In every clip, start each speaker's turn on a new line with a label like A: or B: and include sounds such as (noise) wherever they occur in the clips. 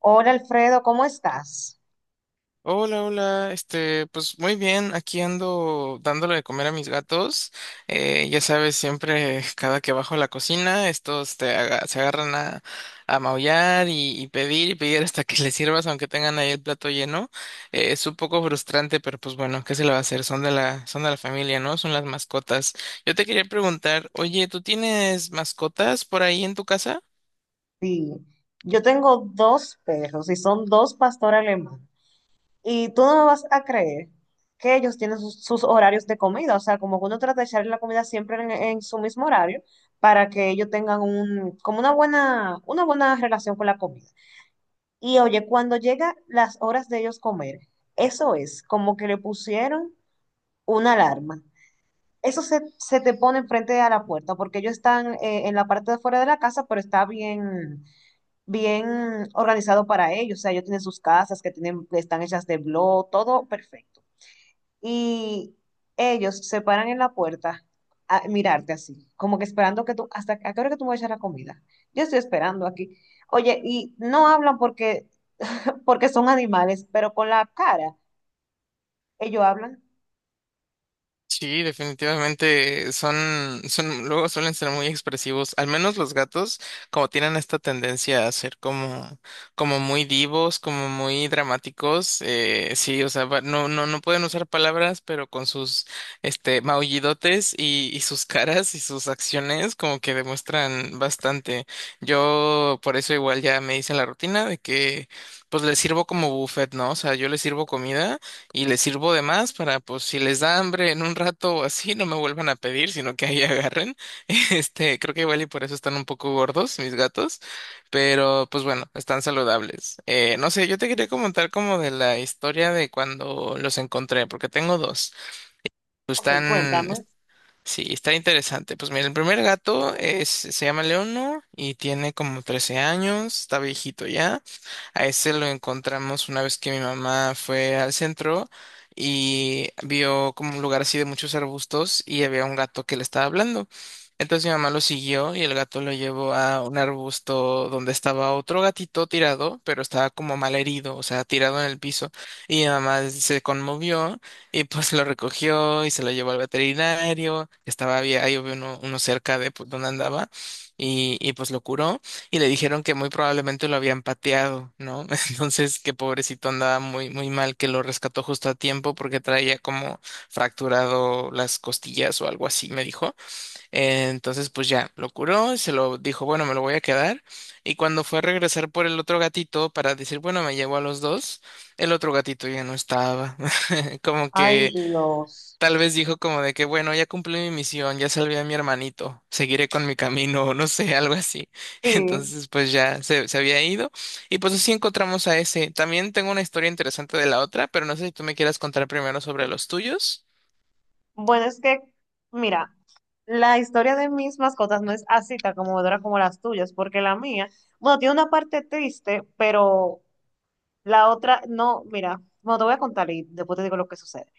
A: Hola Alfredo, ¿cómo estás?
B: Hola, hola, pues muy bien, aquí ando dándole de comer a mis gatos. Ya sabes, siempre (laughs) cada que bajo a la cocina, estos se agarran a maullar y pedir y pedir hasta que (laughs) les sirvas, aunque tengan ahí el plato lleno. Es un poco frustrante, pero pues bueno, ¿qué se le va a hacer? Son de la familia, ¿no? Son las mascotas. Yo te quería preguntar, oye, ¿tú tienes mascotas por ahí en tu casa?
A: Sí, yo tengo dos perros y son dos pastor alemán. Y tú no me vas a creer que ellos tienen sus horarios de comida, o sea, como que uno trata de echarle la comida siempre en su mismo horario para que ellos tengan un, como una buena relación con la comida. Y oye, cuando llega las horas de ellos comer, eso es como que le pusieron una alarma. Eso se te pone enfrente a la puerta, porque ellos están en la parte de fuera de la casa, pero está bien, bien organizado para ellos. O sea, ellos tienen sus casas que tienen, que están hechas de blog, todo perfecto. Y ellos se paran en la puerta a mirarte así, como que esperando que tú, hasta a qué hora que tú me vas a echar la comida. Yo estoy esperando aquí. Oye, y no hablan porque, (laughs) porque son animales, pero con la cara, ellos hablan.
B: Sí, definitivamente son, luego suelen ser muy expresivos. Al menos los gatos, como tienen esta tendencia a ser como muy divos, como muy dramáticos. Sí, o sea, no, no, no pueden usar palabras, pero con sus, maullidotes y sus caras y sus acciones, como que demuestran bastante. Yo, por eso igual ya me hice la rutina de que, pues les sirvo como buffet, ¿no? O sea, yo les sirvo comida y les sirvo de más para, pues, si les da hambre en un rato o así, no me vuelvan a pedir, sino que ahí agarren. (laughs) Creo que igual y por eso están un poco gordos mis gatos, pero pues bueno, están saludables. No sé, yo te quería comentar como de la historia de cuando los encontré, porque tengo dos. Pues,
A: Ok, cuéntame.
B: Sí, está interesante. Pues mira, el primer gato se llama Leono y tiene como 13 años, está viejito ya. A ese lo encontramos una vez que mi mamá fue al centro y vio como un lugar así de muchos arbustos y había un gato que le estaba hablando. Entonces mi mamá lo siguió y el gato lo llevó a un arbusto donde estaba otro gatito tirado, pero estaba como mal herido, o sea, tirado en el piso. Y mi mamá se conmovió y pues lo recogió y se lo llevó al veterinario. Estaba bien, ahí había uno cerca de pues, donde andaba y pues lo curó y le dijeron que muy probablemente lo habían pateado, ¿no? (laughs) Entonces, que pobrecito andaba muy, muy mal, que lo rescató justo a tiempo porque traía como fracturado las costillas o algo así, me dijo. Entonces, pues ya lo curó y se lo dijo, bueno, me lo voy a quedar. Y cuando fue a regresar por el otro gatito para decir, bueno, me llevo a los dos, el otro gatito ya no estaba. (laughs) Como
A: Ay,
B: que
A: Dios.
B: Tal vez dijo como de que, bueno, ya cumplí mi misión, ya salvé a mi hermanito, seguiré con mi camino, (laughs) o no sé, algo así. (laughs)
A: Sí.
B: Entonces, pues ya se había ido. Y pues así encontramos a ese. También tengo una historia interesante de la otra, pero no sé si tú me quieras contar primero sobre los tuyos.
A: Bueno, es que, mira, la historia de mis mascotas no es así tan conmovedora como las tuyas, porque la mía, bueno, tiene una parte triste, pero la otra, no, mira, bueno, te voy a contar y después te digo lo que sucede.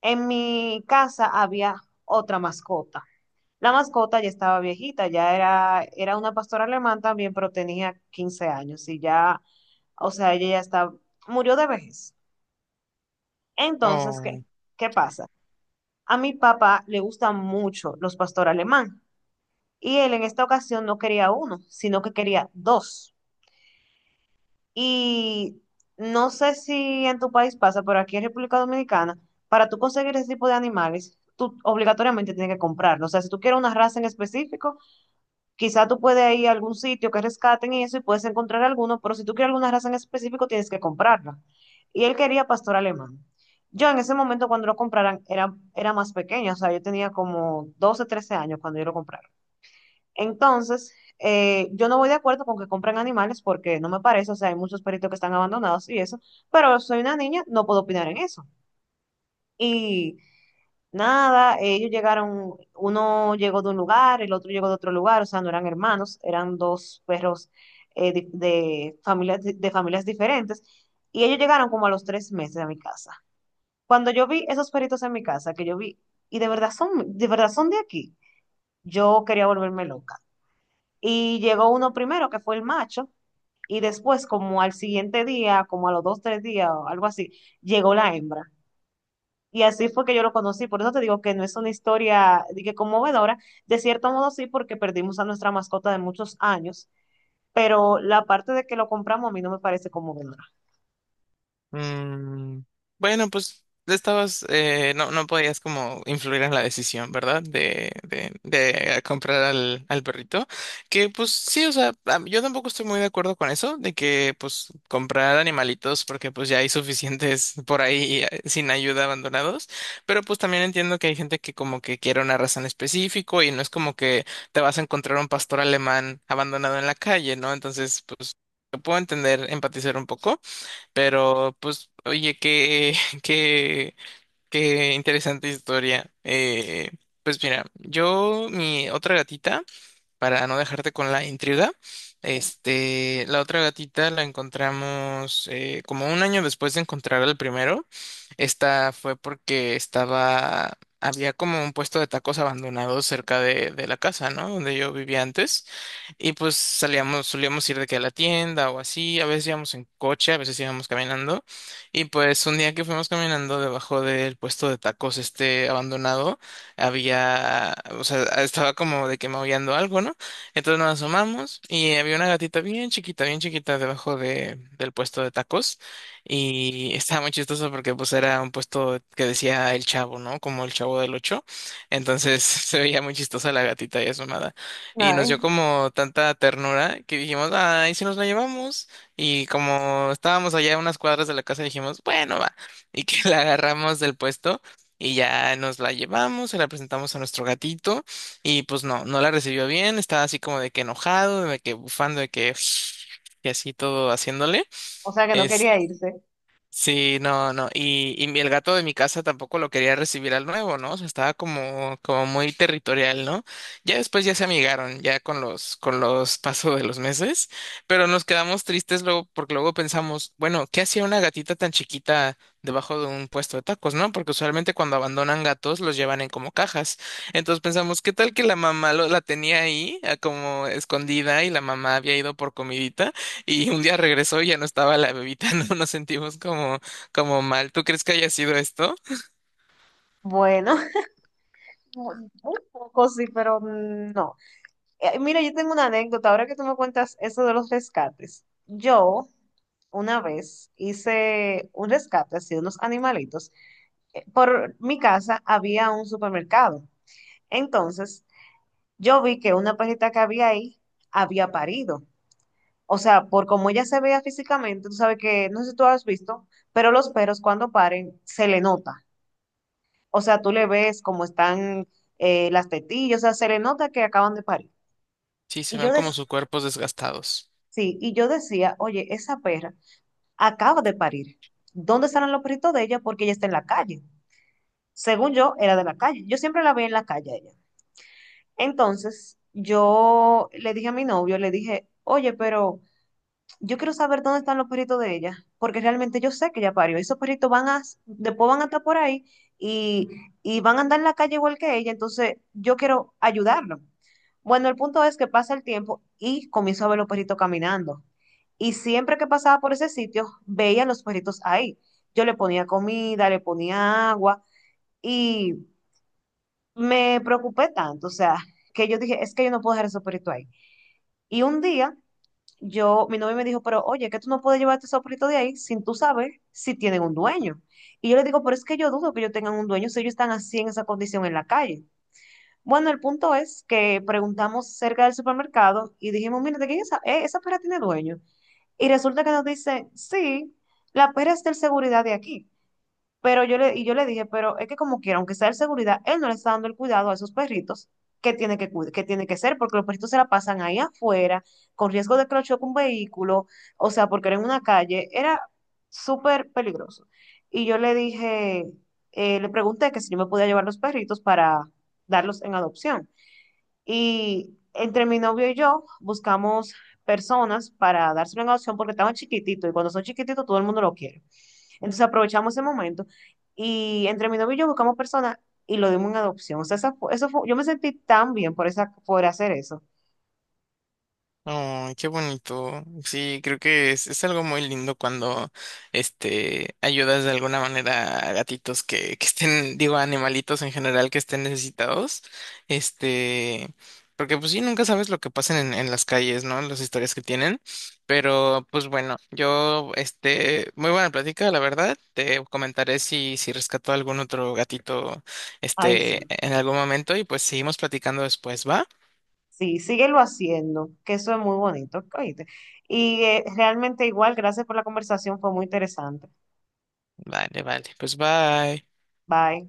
A: En mi casa había otra mascota. La mascota ya estaba viejita, ya era, era una pastora alemán también, pero tenía 15 años y ya, o sea, ella ya está, murió de vejez. Entonces, ¿qué,
B: Oh.
A: qué pasa? A mi papá le gustan mucho los pastores alemán. Y él en esta ocasión no quería uno, sino que quería dos. Y no sé si en tu país pasa, pero aquí en República Dominicana, para tú conseguir ese tipo de animales, tú obligatoriamente tienes que comprarlo. O sea, si tú quieres una raza en específico, quizá tú puedes ir a algún sitio que rescaten y eso y puedes encontrar alguno, pero si tú quieres alguna raza en específico, tienes que comprarla. Y él quería pastor alemán. Yo en ese momento cuando lo compraran era, era más pequeña, o sea, yo tenía como 12, 13 años cuando yo lo compré. Entonces, yo no voy de acuerdo con que compren animales porque no me parece, o sea, hay muchos perritos que están abandonados y eso, pero soy una niña, no puedo opinar en eso. Y nada, ellos llegaron, uno llegó de un lugar, el otro llegó de otro lugar, o sea, no eran hermanos, eran dos perros familias, de familias diferentes, y ellos llegaron como a los 3 meses a mi casa. Cuando yo vi esos perritos en mi casa, que yo vi, y de verdad son, de verdad son de aquí, yo quería volverme loca. Y llegó uno primero, que fue el macho, y después, como al siguiente día, como a los 2, 3 días o algo así, llegó la hembra. Y así fue que yo lo conocí. Por eso te digo que no es una historia de que conmovedora. De cierto modo sí, porque perdimos a nuestra mascota de muchos años, pero la parte de que lo compramos a mí no me parece conmovedora.
B: Mm, bueno, pues estabas, no, no podías como influir en la decisión, ¿verdad? De comprar al perrito. Que pues sí, o sea, yo tampoco estoy muy de acuerdo con eso, de que pues comprar animalitos, porque pues ya hay suficientes (laughs) por ahí sin ayuda abandonados. Pero pues también entiendo que hay gente que como que quiere una raza en específico y no es como que te vas a encontrar un pastor alemán abandonado en la calle, ¿no? Entonces, pues, lo puedo entender, empatizar un poco. Pero, pues, oye, (laughs) qué, qué interesante historia. Pues mira, mi otra gatita para no dejarte con la intriga. La otra gatita la encontramos como un año después de encontrar al primero. Esta fue porque había como un puesto de tacos abandonado cerca de la casa, ¿no? Donde yo vivía antes. Y pues solíamos ir de que a la tienda o así. A veces íbamos en coche, a veces íbamos caminando. Y pues un día que fuimos caminando debajo del puesto de tacos este abandonado había, o sea, estaba como de que maullando algo, ¿no? Entonces nos asomamos y había una gatita bien chiquita debajo del puesto de tacos y (laughs) estaba muy chistoso porque pues era un puesto que decía el Chavo, ¿no? Como el Chavo del Ocho. Entonces (laughs) se veía muy chistosa la gatita ahí asomada y nos
A: Ay,
B: dio como tanta ternura que dijimos, ay, si nos la llevamos y como estábamos allá a unas cuadras de la casa dijimos, bueno, va y (laughs) que la agarramos del puesto. Y ya nos la llevamos, se la presentamos a nuestro gatito y pues no, no la recibió bien, estaba así como de que enojado, de que bufando, de que (sniffs) y así todo haciéndole.
A: o sea que no quería irse.
B: Sí, no, no. Y el gato de mi casa tampoco lo quería recibir al nuevo, ¿no? O sea, estaba como muy territorial, ¿no? Ya después ya se amigaron, ya con los (laughs) pasos de los meses, pero nos quedamos tristes luego, porque luego pensamos, bueno, ¿qué hacía una gatita tan chiquita debajo de un puesto de tacos? ¿No? Porque usualmente cuando abandonan gatos los llevan en como cajas. Entonces pensamos, ¿qué tal que la mamá la tenía ahí, como escondida, y la mamá había ido por comidita? Y un día regresó y ya no estaba la bebita, (laughs) ¿no? Nos sentimos como mal. ¿Tú crees que haya sido esto?
A: Bueno, (laughs) un poco sí, pero no. Mira, yo tengo una anécdota. Ahora que tú me cuentas eso de los rescates, yo una vez hice un rescate así de unos animalitos. Por mi casa había un supermercado. Entonces, yo vi que una perrita que había ahí había parido. O sea, por cómo ella se veía físicamente, tú sabes que, no sé si tú has visto, pero los perros cuando paren se le nota. O sea, tú le ves cómo están las tetillas, o sea, se le nota que acaban de parir.
B: Sí, se
A: Y
B: ven
A: yo
B: como
A: decía,
B: sus cuerpos desgastados.
A: sí, y yo decía, oye, esa perra acaba de parir. ¿Dónde estarán los perritos de ella? Porque ella está en la calle. Según yo, era de la calle. Yo siempre la vi en la calle a ella. Entonces, yo le dije a mi novio, le dije, oye, pero yo quiero saber dónde están los perritos de ella, porque realmente yo sé que ella parió. Esos perritos van a, después van a estar por ahí y, y van a andar en la calle igual que ella, entonces yo quiero ayudarlo. Bueno, el punto es que pasa el tiempo y comienzo a ver los perritos caminando. Y siempre que pasaba por ese sitio, veía los perritos ahí. Yo le ponía comida, le ponía agua y me preocupé tanto, o sea, que yo dije, es que yo no puedo dejar el soporito ahí. Y un día, yo, mi novio me dijo, pero oye, que tú no puedes llevar este soporito de ahí sin tú saber si tienen un dueño. Y yo le digo, pero es que yo dudo que ellos tengan un dueño si ellos están así en esa condición en la calle. Bueno, el punto es que preguntamos cerca del supermercado y dijimos, mira, ¿de quién es esa? Esa perra tiene dueño. Y resulta que nos dicen, sí, la perra es del seguridad de aquí. Pero yo le, y yo le dije, pero es que como quiera, aunque sea de seguridad, él no le está dando el cuidado a esos perritos que tiene que, cuid- que tiene que ser, porque los perritos se la pasan ahí afuera, con riesgo de que lo choque un vehículo, o sea, porque era en una calle, era súper peligroso. Y yo le dije, le pregunté que si yo me podía llevar los perritos para darlos en adopción. Y entre mi novio y yo buscamos personas para dárselo en adopción porque estaban chiquititos y cuando son chiquititos todo el mundo lo quiere. Entonces aprovechamos ese momento y entre mi novio y yo buscamos personas y lo dimos en adopción. O sea, esa fu- eso fue- yo me sentí tan bien por, esa, por hacer eso.
B: Ay, qué bonito. Sí, creo que es algo muy lindo cuando ayudas de alguna manera a gatitos que estén, digo, a animalitos en general que estén necesitados. Este, Porque pues sí, nunca sabes lo que pasan en las calles, ¿no? Las historias que tienen. Pero, pues bueno, muy buena plática, la verdad. Te comentaré si rescató algún otro gatito,
A: Ay, sí.
B: este, en algún momento, y pues seguimos platicando después, ¿va?
A: Sí, síguelo haciendo, que eso es muy bonito, ¿oíste? Y realmente igual, gracias por la conversación, fue muy interesante.
B: Vale, vale. Pues bye.
A: Bye.